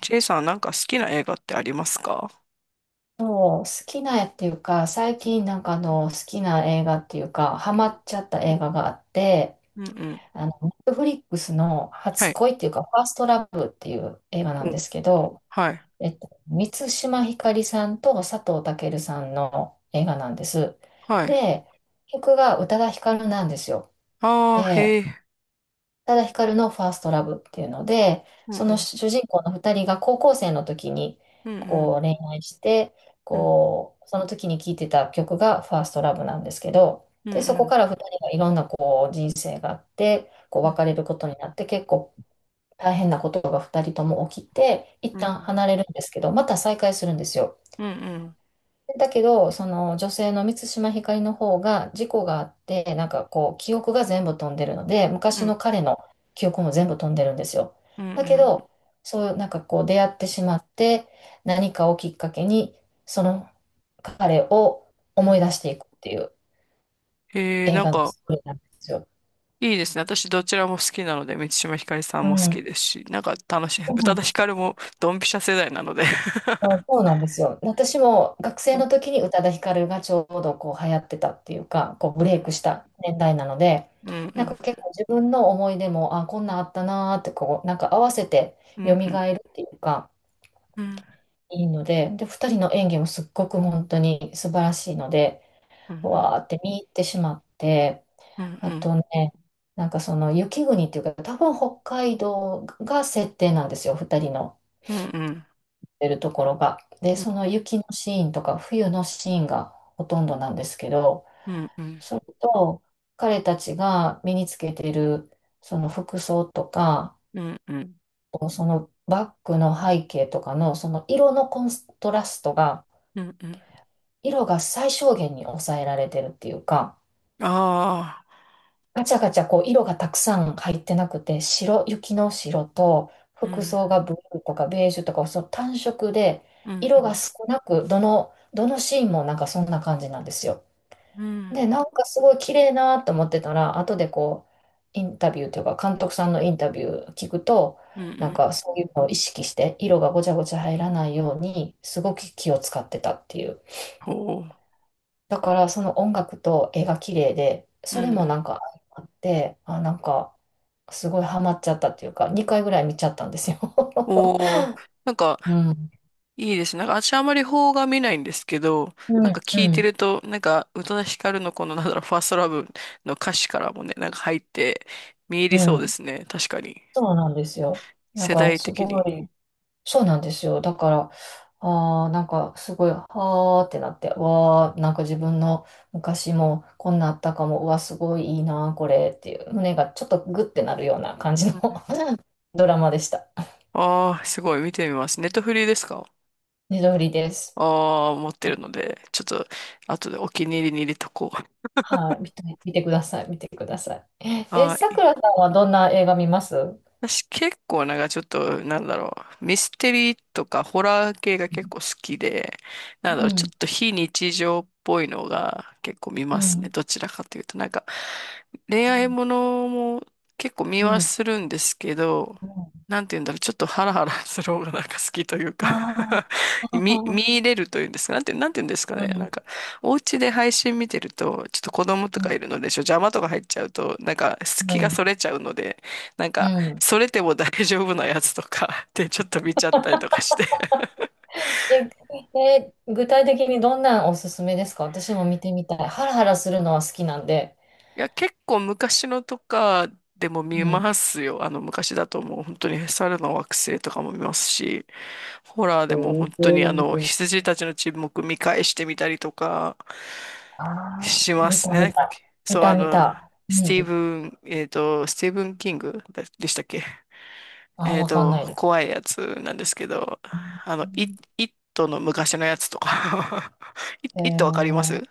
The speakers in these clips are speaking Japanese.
ジェイさんなんか好きな映画ってありますか？そう、好きな絵っていうか、最近好きな映画っていうか、ハマっちゃった映画があって、うんうん。あの、Netflix のは初い。恋っていうか、ファーストラブっていう映画なんお。ですけど、はい満島ひかりさんと佐藤健さんの映画なんです。はい。で、曲が宇多田ヒカルなんですよ。あで、へえ。ただヒカルのファーストラブっていうので、うんそうのん主人公の二人が高校生の時にうんこう恋愛して、うんこう、その時に聴いてた曲がファーストラブなんですけど、うんうで、そこんから二人がいろんなこう人生があって、こううん別れることになって、結構大変なことが二人とも起きて、一うん旦うん離れるんですけど、また再会するんですよ。うんだけど、その女性の満島ひかりの方が事故があって、こう、記憶が全部飛んでるので、う昔んの彼の記憶も全部飛んでるんですよ。うだけんど、そう、こう、出会ってしまって、何かをきっかけに、その彼をう思ん。い出していくっていうへえ。映画のストーリーなんですよ。いいですね。私どちらも好きなので、三島ひかりさんうも好きん。ですし、楽しい。そう宇な多ん田でヒす。カルもドンピシャ世代なので。うん、そうなんですよ。私も学う生んの時に宇多田ヒカルがちょうどこう流行ってたっていうか、こうブうレイクんした年代なので、うんうなんんか結構自分の思い出も、あ、こんなんあったなーってこう、なんか合わせてう蘇んるうんっていうか、うんいいので、で、2人の演技もすっごく本当に素晴らしいので、うんわーって見入ってしまって、うんうあんとね、なんかその雪国っていうか、多分北海道が設定なんですよ、2人の。うんうんうんてるところが。で、うその雪のシーンとか冬のシーンがほとんどなんですけど、んそれと彼たちが身につけているその服装とか、そのバッグの背景とかのその色のコントラストが、うんうん。色が最小限に抑えられてるっていうか、ああ、ガチャガチャこう色がたくさん入ってなくて、白、雪の白と、う服ん、装がブルーとかベージュとか、その単色で、うん、う色がん、少なく、どのシーンもなんかそんな感じなんですよ。うん、で、なんかすごい綺麗なと思ってたら、後でこう、インタビューというか、監督さんのインタビュー聞くと、うん、うなんん。かそういうのを意識して、色がごちゃごちゃ入らないように、すごく気を使ってたっていう。ほう、だからその音楽と絵が綺麗で、うん、そうれもん。なんかあって、あ、なんかすごいハマっちゃったっていうか、2回ぐらい見ちゃったんですよ。おー、なんか、うん。いいですね。私あまり邦画見ないんですけど、うん、聞ういてん、ると、宇多田ヒカルのこの、ファーストラブの歌詞からもね、入って、見入りうそうでん。すね。確かに。そうなんですよ。だ世から代す的ごに。い、そうなんですよ。だから、あーなんかすごい、はーってなって、わー、なんか自分の昔もこんなあったかも、うわ、すごいいいな、これっていう、胸がちょっとグッてなるような感じの ドラマでした。ああー、すごい、見てみます。ネットフリーですか？ねどりです。ああー、持ってるので、ちょっと、後でお気に入りに入れとこう。はい、見て、見てください、見てください。え、はさくい。らさんはどんな映画見ますう私結構ちょっと、ミステリーとかホラー系が結構好きで、ちょん、っと非日常っぽいのが結構見まうすね。ん、どちらかというと、恋う愛ん、ものも結構見うはん。するんですけど、なんて言うんだろう、ちょっとハラハラする方が 好きというか、 あ 見あ、あ、入れるというんですか、なんて言うんですかあうね。ん、お家で配信見てると、ちょっと子供とかいるうので、邪魔とか入っちゃうと、隙がん、それちゃうので、なんうか、ん。うん。それでも大丈夫なやつとか でちょっと見ちゃったりとかして。え、え、具体的にどんなんおすすめですか？私も見てみたい。ハラハラするのは好きなんで。いや、結構昔のとかでも見うん。ますよ。あの、昔だともう本当に猿の惑星とかも見ますし、ホラーでもお本当にあの、お。羊たちの沈黙見返してみたりとかああ、しま見すた見ね。た。見そう、あた見の、た。うん。スティーブン・キングでしたっけ？あ、えっわかんと、ないです。怖いやつなんですけど、うん。あの、イットの昔のやつとか、 えイットわかりまー、す？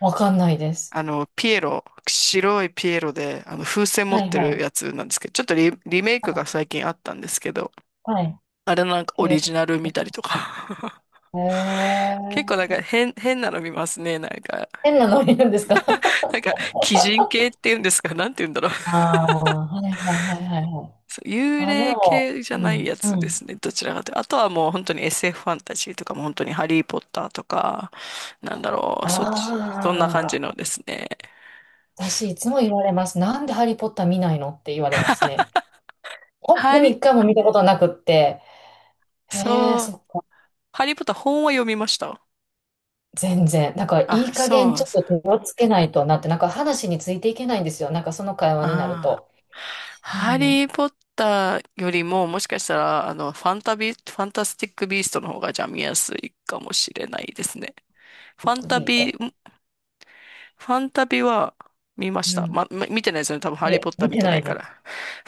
わかんないです。あの、ピエロ、白いピエロで、あの、風船持はっいてはるい。やつなんですけど、ちょっとリメイクが最近あったんですけど、はい。あれなんかへオリえ。ジナル見たりとか。へ 結構ー。なんか変なの見ますね、なんか。変なノリなんですか？ なんか、鬼人系っていうんですか、なんて言うんだろう。ああ、はいはいはいはいはい。そう、幽あ、で霊も、系じゃうないん、やうつですん。ね、どちらかというと。あとはもう本当に SFファンタジーとかも本当にハリーポッターとか、そっち、そんな感じあのあ、ですね。私いつも言われます。なんでハリーポッター見ないのって言われますね。本当ハにリ、一回も見たことなくって。へえ、そう、そっか。ハリーポッター本は読みました。全然。なんかいあ、い加そう減なんちでょっす。と手をつけないとなって、なんか話についていけないんですよ。なんかその会話になるああ。と。うハん。リー・ポッターよりも、もしかしたら、あの、ファンタスティック・ビーストの方が、じゃあ見やすいかもしれないですね。フビァッングタビービト。ファンタビは見ましうた。ん。ま見てないですよね。多分ハいリーポえ、ッター見見ててなないいかでら。す。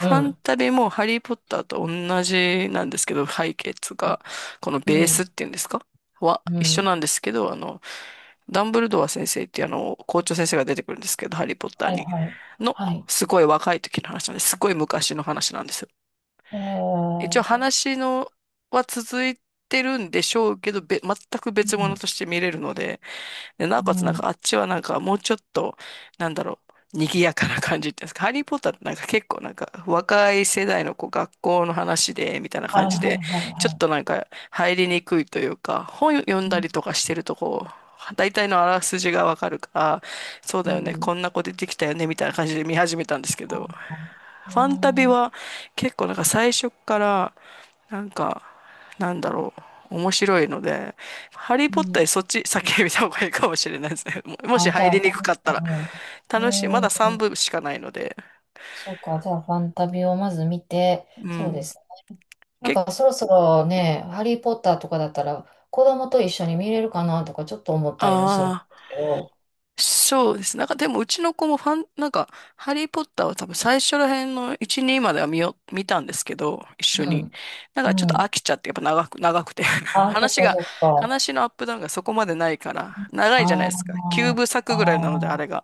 うァンん。タビもハリーポッターと同じなんですけど、背景つが、このうベースっん。ていうんですかはう一緒ん。なんですけど、あの、ダンブルドア先生っていうあの、校長先生が出てくるんですけど、ハリーポッターはいに。はい。の、はい。すごい若い時の話なんです。すごい昔の話なんですよ。え一応ー、話のは続いてるんでしょうけど、全くう別物ん。として見れるので、で、なおうかつなんん。かあっちはなんかもうちょっと、なんだろ賑やかな感じっていうんですか。ハリーポッターってなんか結構なんか若い世代のこう学校の話で、みたいなはい感じはで、いはいちょっはとなんか入りにくいというか、本読んい。うだん。りとかしてるとこう、大体のあらすじがわかるから、そううだよね、ん、こんな子出てきたよね、みたいな感じで見始めたんですけあど、ー、ファンタビうん。は結構なんか最初からなんか、なんだろ面白いので、ハリー・うポッターよん。そっち先に見た方がいいかもしれないですね。もしあ、じゃ入あ、りフにくァかンったタら。ビを。楽しい。まうだ3ん。部しかないので。そうか。じゃあ、ファンタビをまず見て、うそうでん。す。なんけ、か、そろそろね、ハリー・ポッターとかだったら、子供と一緒に見れるかなとか、ちょっと思ったりもするんでああ、すけど。そうですね。なんかでもうちの子もファン、なんか、ハリー・ポッターは多分最初ら辺の1、2までは見たんですけど、一う緒に。ん。なんかちょうっとん。飽きちゃって、やっぱ長くて。あ、そっかそっか。話のアップダウンがそこまでないから、長いじゃないあですか。9あ、部あ作ぐらいなので、ああ、れが。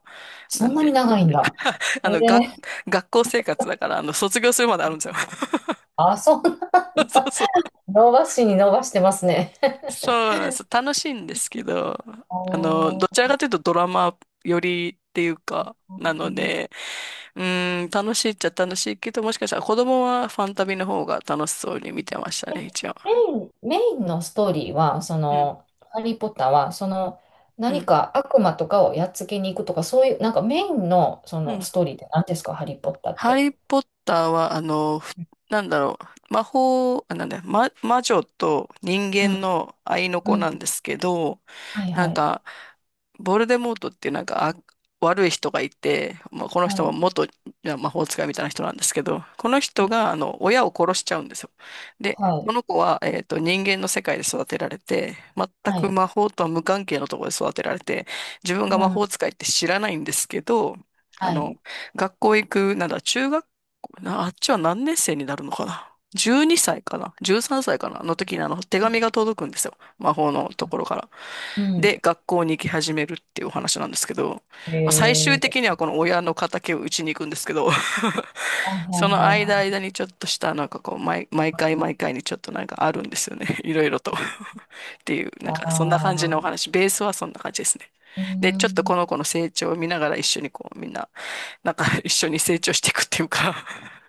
なそんんなにで、長いんだ。あえの、が、え、学校生活だから、あの、卒業するまであるんですよ。あ、そう。そうそう。伸ばしに伸ばしてますね。そ うなんです。楽しいんですけど、おあの、どちー。らかというとドラマ寄りっていうか、なので、うーん、楽しいっちゃ楽しいけど、もしかしたら子供はファンタビの方が楽しそうに見てましたえ、ね、一応。メインのストーリーは、そうん、の、ハリー・ポッターは、その、う何ん、か悪魔とかをやっつけに行くとか、そういう、なんかメインの、そうの、ん。ストーリーって何ですか、ハリー・ポッターっハて。リー・ポッターは、あの、ふなんだろう、魔法、あ、なんだま、魔女と人う間ん、の愛の子うん、なんですけど、はい、なはんい、か、ボルデモートっていうなんか、あ、悪い人がいて、まあ、このは人はい、元魔法使いみたいな人なんですけど、この人が、あの、親を殺しちゃうんですよ。で、はこい、の子は、えっと、人間の世界で育てられて、全はくい、魔法とは無関係のところで育てられて、自分がう魔ん、法使いって知らないんですけど、あはの、い、学校行くなら中学校、なあっちは何年生になるのかな？ 12 歳かな？ 13 歳かなの時にあの手うん。紙が届くんですよ。魔法のところから。うで、ん。学校に行き始めるっていうお話なんですけど、まあ、最終え的にー、はこの親の敵を打ちに行くんですけど、はい、そのはい、間は間にちょっとしたなんかこう毎い、回は毎い。回にちょっとなんかあるんですよね。いろいろと。っていう、なあんかそんな感じのおあ、話。ベースはそんな感じですね。うーで、ちょっとん。この子の成長を見ながら一緒にこうみんななんか一緒に成長していくっていうか。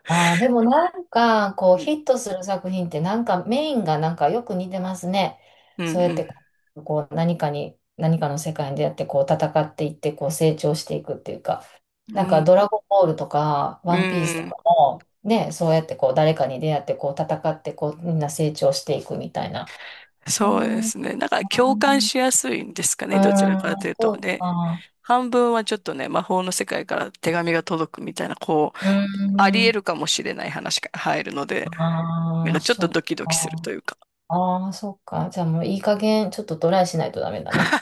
ああ、でもなんか、こうう、ん。ヒットする作品って、なんかメインがなんかよく似てますね。うそうやっんて、こう、何かに、何かの世界に出会って、こう、戦っていって、こう、成長していくっていうか、うなんん。うか、ドん。ラゴンボールとか、うワンピースとん。かも、ね、そうやって、こう、誰かに出会って、こう、戦って、こう、みんな成長していくみたいな。うーそうでん、うすね。なんか共感しやすいんですかーね。どちらかといん、うと。そうね、か。半分はちょっとね、魔法の世界から手紙が届くみたいな、こう、うーあり得ん、るかもしれない話が入るので、なんああ、かちょっそとっドキドキするとか。いうか、ああ、そっか。じゃあもういい加減、ちょっとトライしないとダメだな。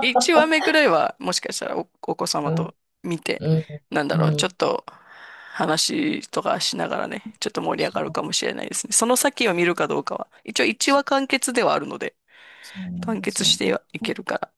1話目くらいはもしかしたらお子う様とん、見て、うん、うちょん。っと話とかしながらね、ちょっと盛り上そがるう、かもしれないですね。その先を見るかどうかは、一応1そう話完結ではあるので、そうなん完です結しよ。てはいけるから。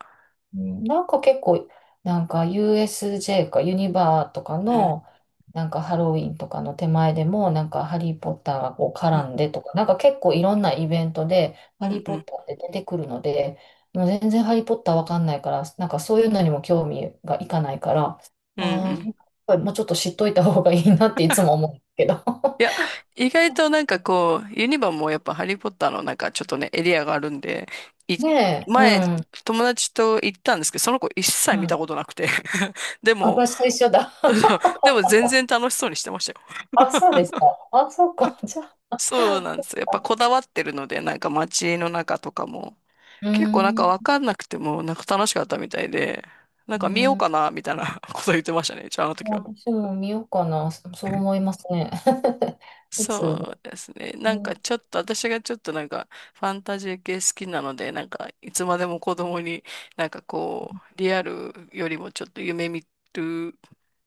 うん、なんか結構、なんか USJ かユニバーとかうん、の、なんかハロウィンとかの手前でも、なんかハリー・ポッターがこうう絡ん、んでとか、なんか結構いろんなイベントで、うハリん、ー・うポッん、ターって出てくるので、もう全然ハリー・ポッターわかんないから、なんかそういうのにも興味がいかないから、うん。うああ、やん。っぱりもうちょっと知っといた方がいいなっていつも思うんですけど。いや、意外となんかこう、ユニバもやっぱハリーポッターのなんかちょっとね、エリアがあるんで、い、ねえ、う前、ん、友達と行ったんですけど、その子一切う見たん。ことなくて、 であ、も、私と一緒だ。でも全然楽しそうにしてましたよ。あ、そうですか。あ、そうか。じゃあ、そうなんですよ。やっぱこだわってるので、なんか街の中とかも、うー結構なんかん、わかんなくても、なんか楽しかったみたいで、なんかう見ようん。かな、みたいな こと言ってましたね、じゃああの時は。私も見ようかな。そ、そう思いますね。普通そで。うですね。なうんかん、ちょっと、私がちょっとなんかファンタジー系好きなので、なんかいつまでも子供になんかこう、リアルよりもちょっとる、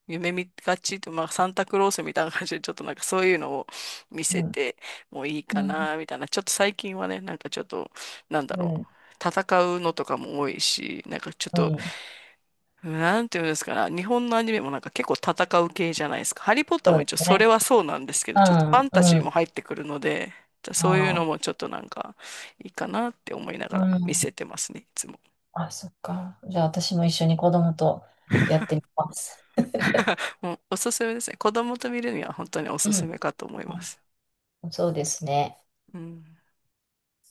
夢見がちと、まあサンタクロースみたいな感じでちょっとなんかそういうのを見うせん、てもういいうかん、な、みたいな。ちょっと最近はね、なんかちょっと、なんだうろう。ん、戦うのとかも多いし、なんかちょっうとん。なんていうんですかね。日本のアニメもなんか結構戦う系じゃないですか。ハリー・ポッターそうもで一応すそれね。はそうなんですけど、うちょっとファん、ンタジうーもん。入ってくるので、じゃあそういうあのあ、もちょっとなんかいいかなって思いながうら見ん。せてますね、いつも。あ、そっか。じゃあ、私も一緒に子供とやってみます。もうおすすめですね。子供と見るには本当におうすすん。めかと思いまあ、す。そうですね。うん。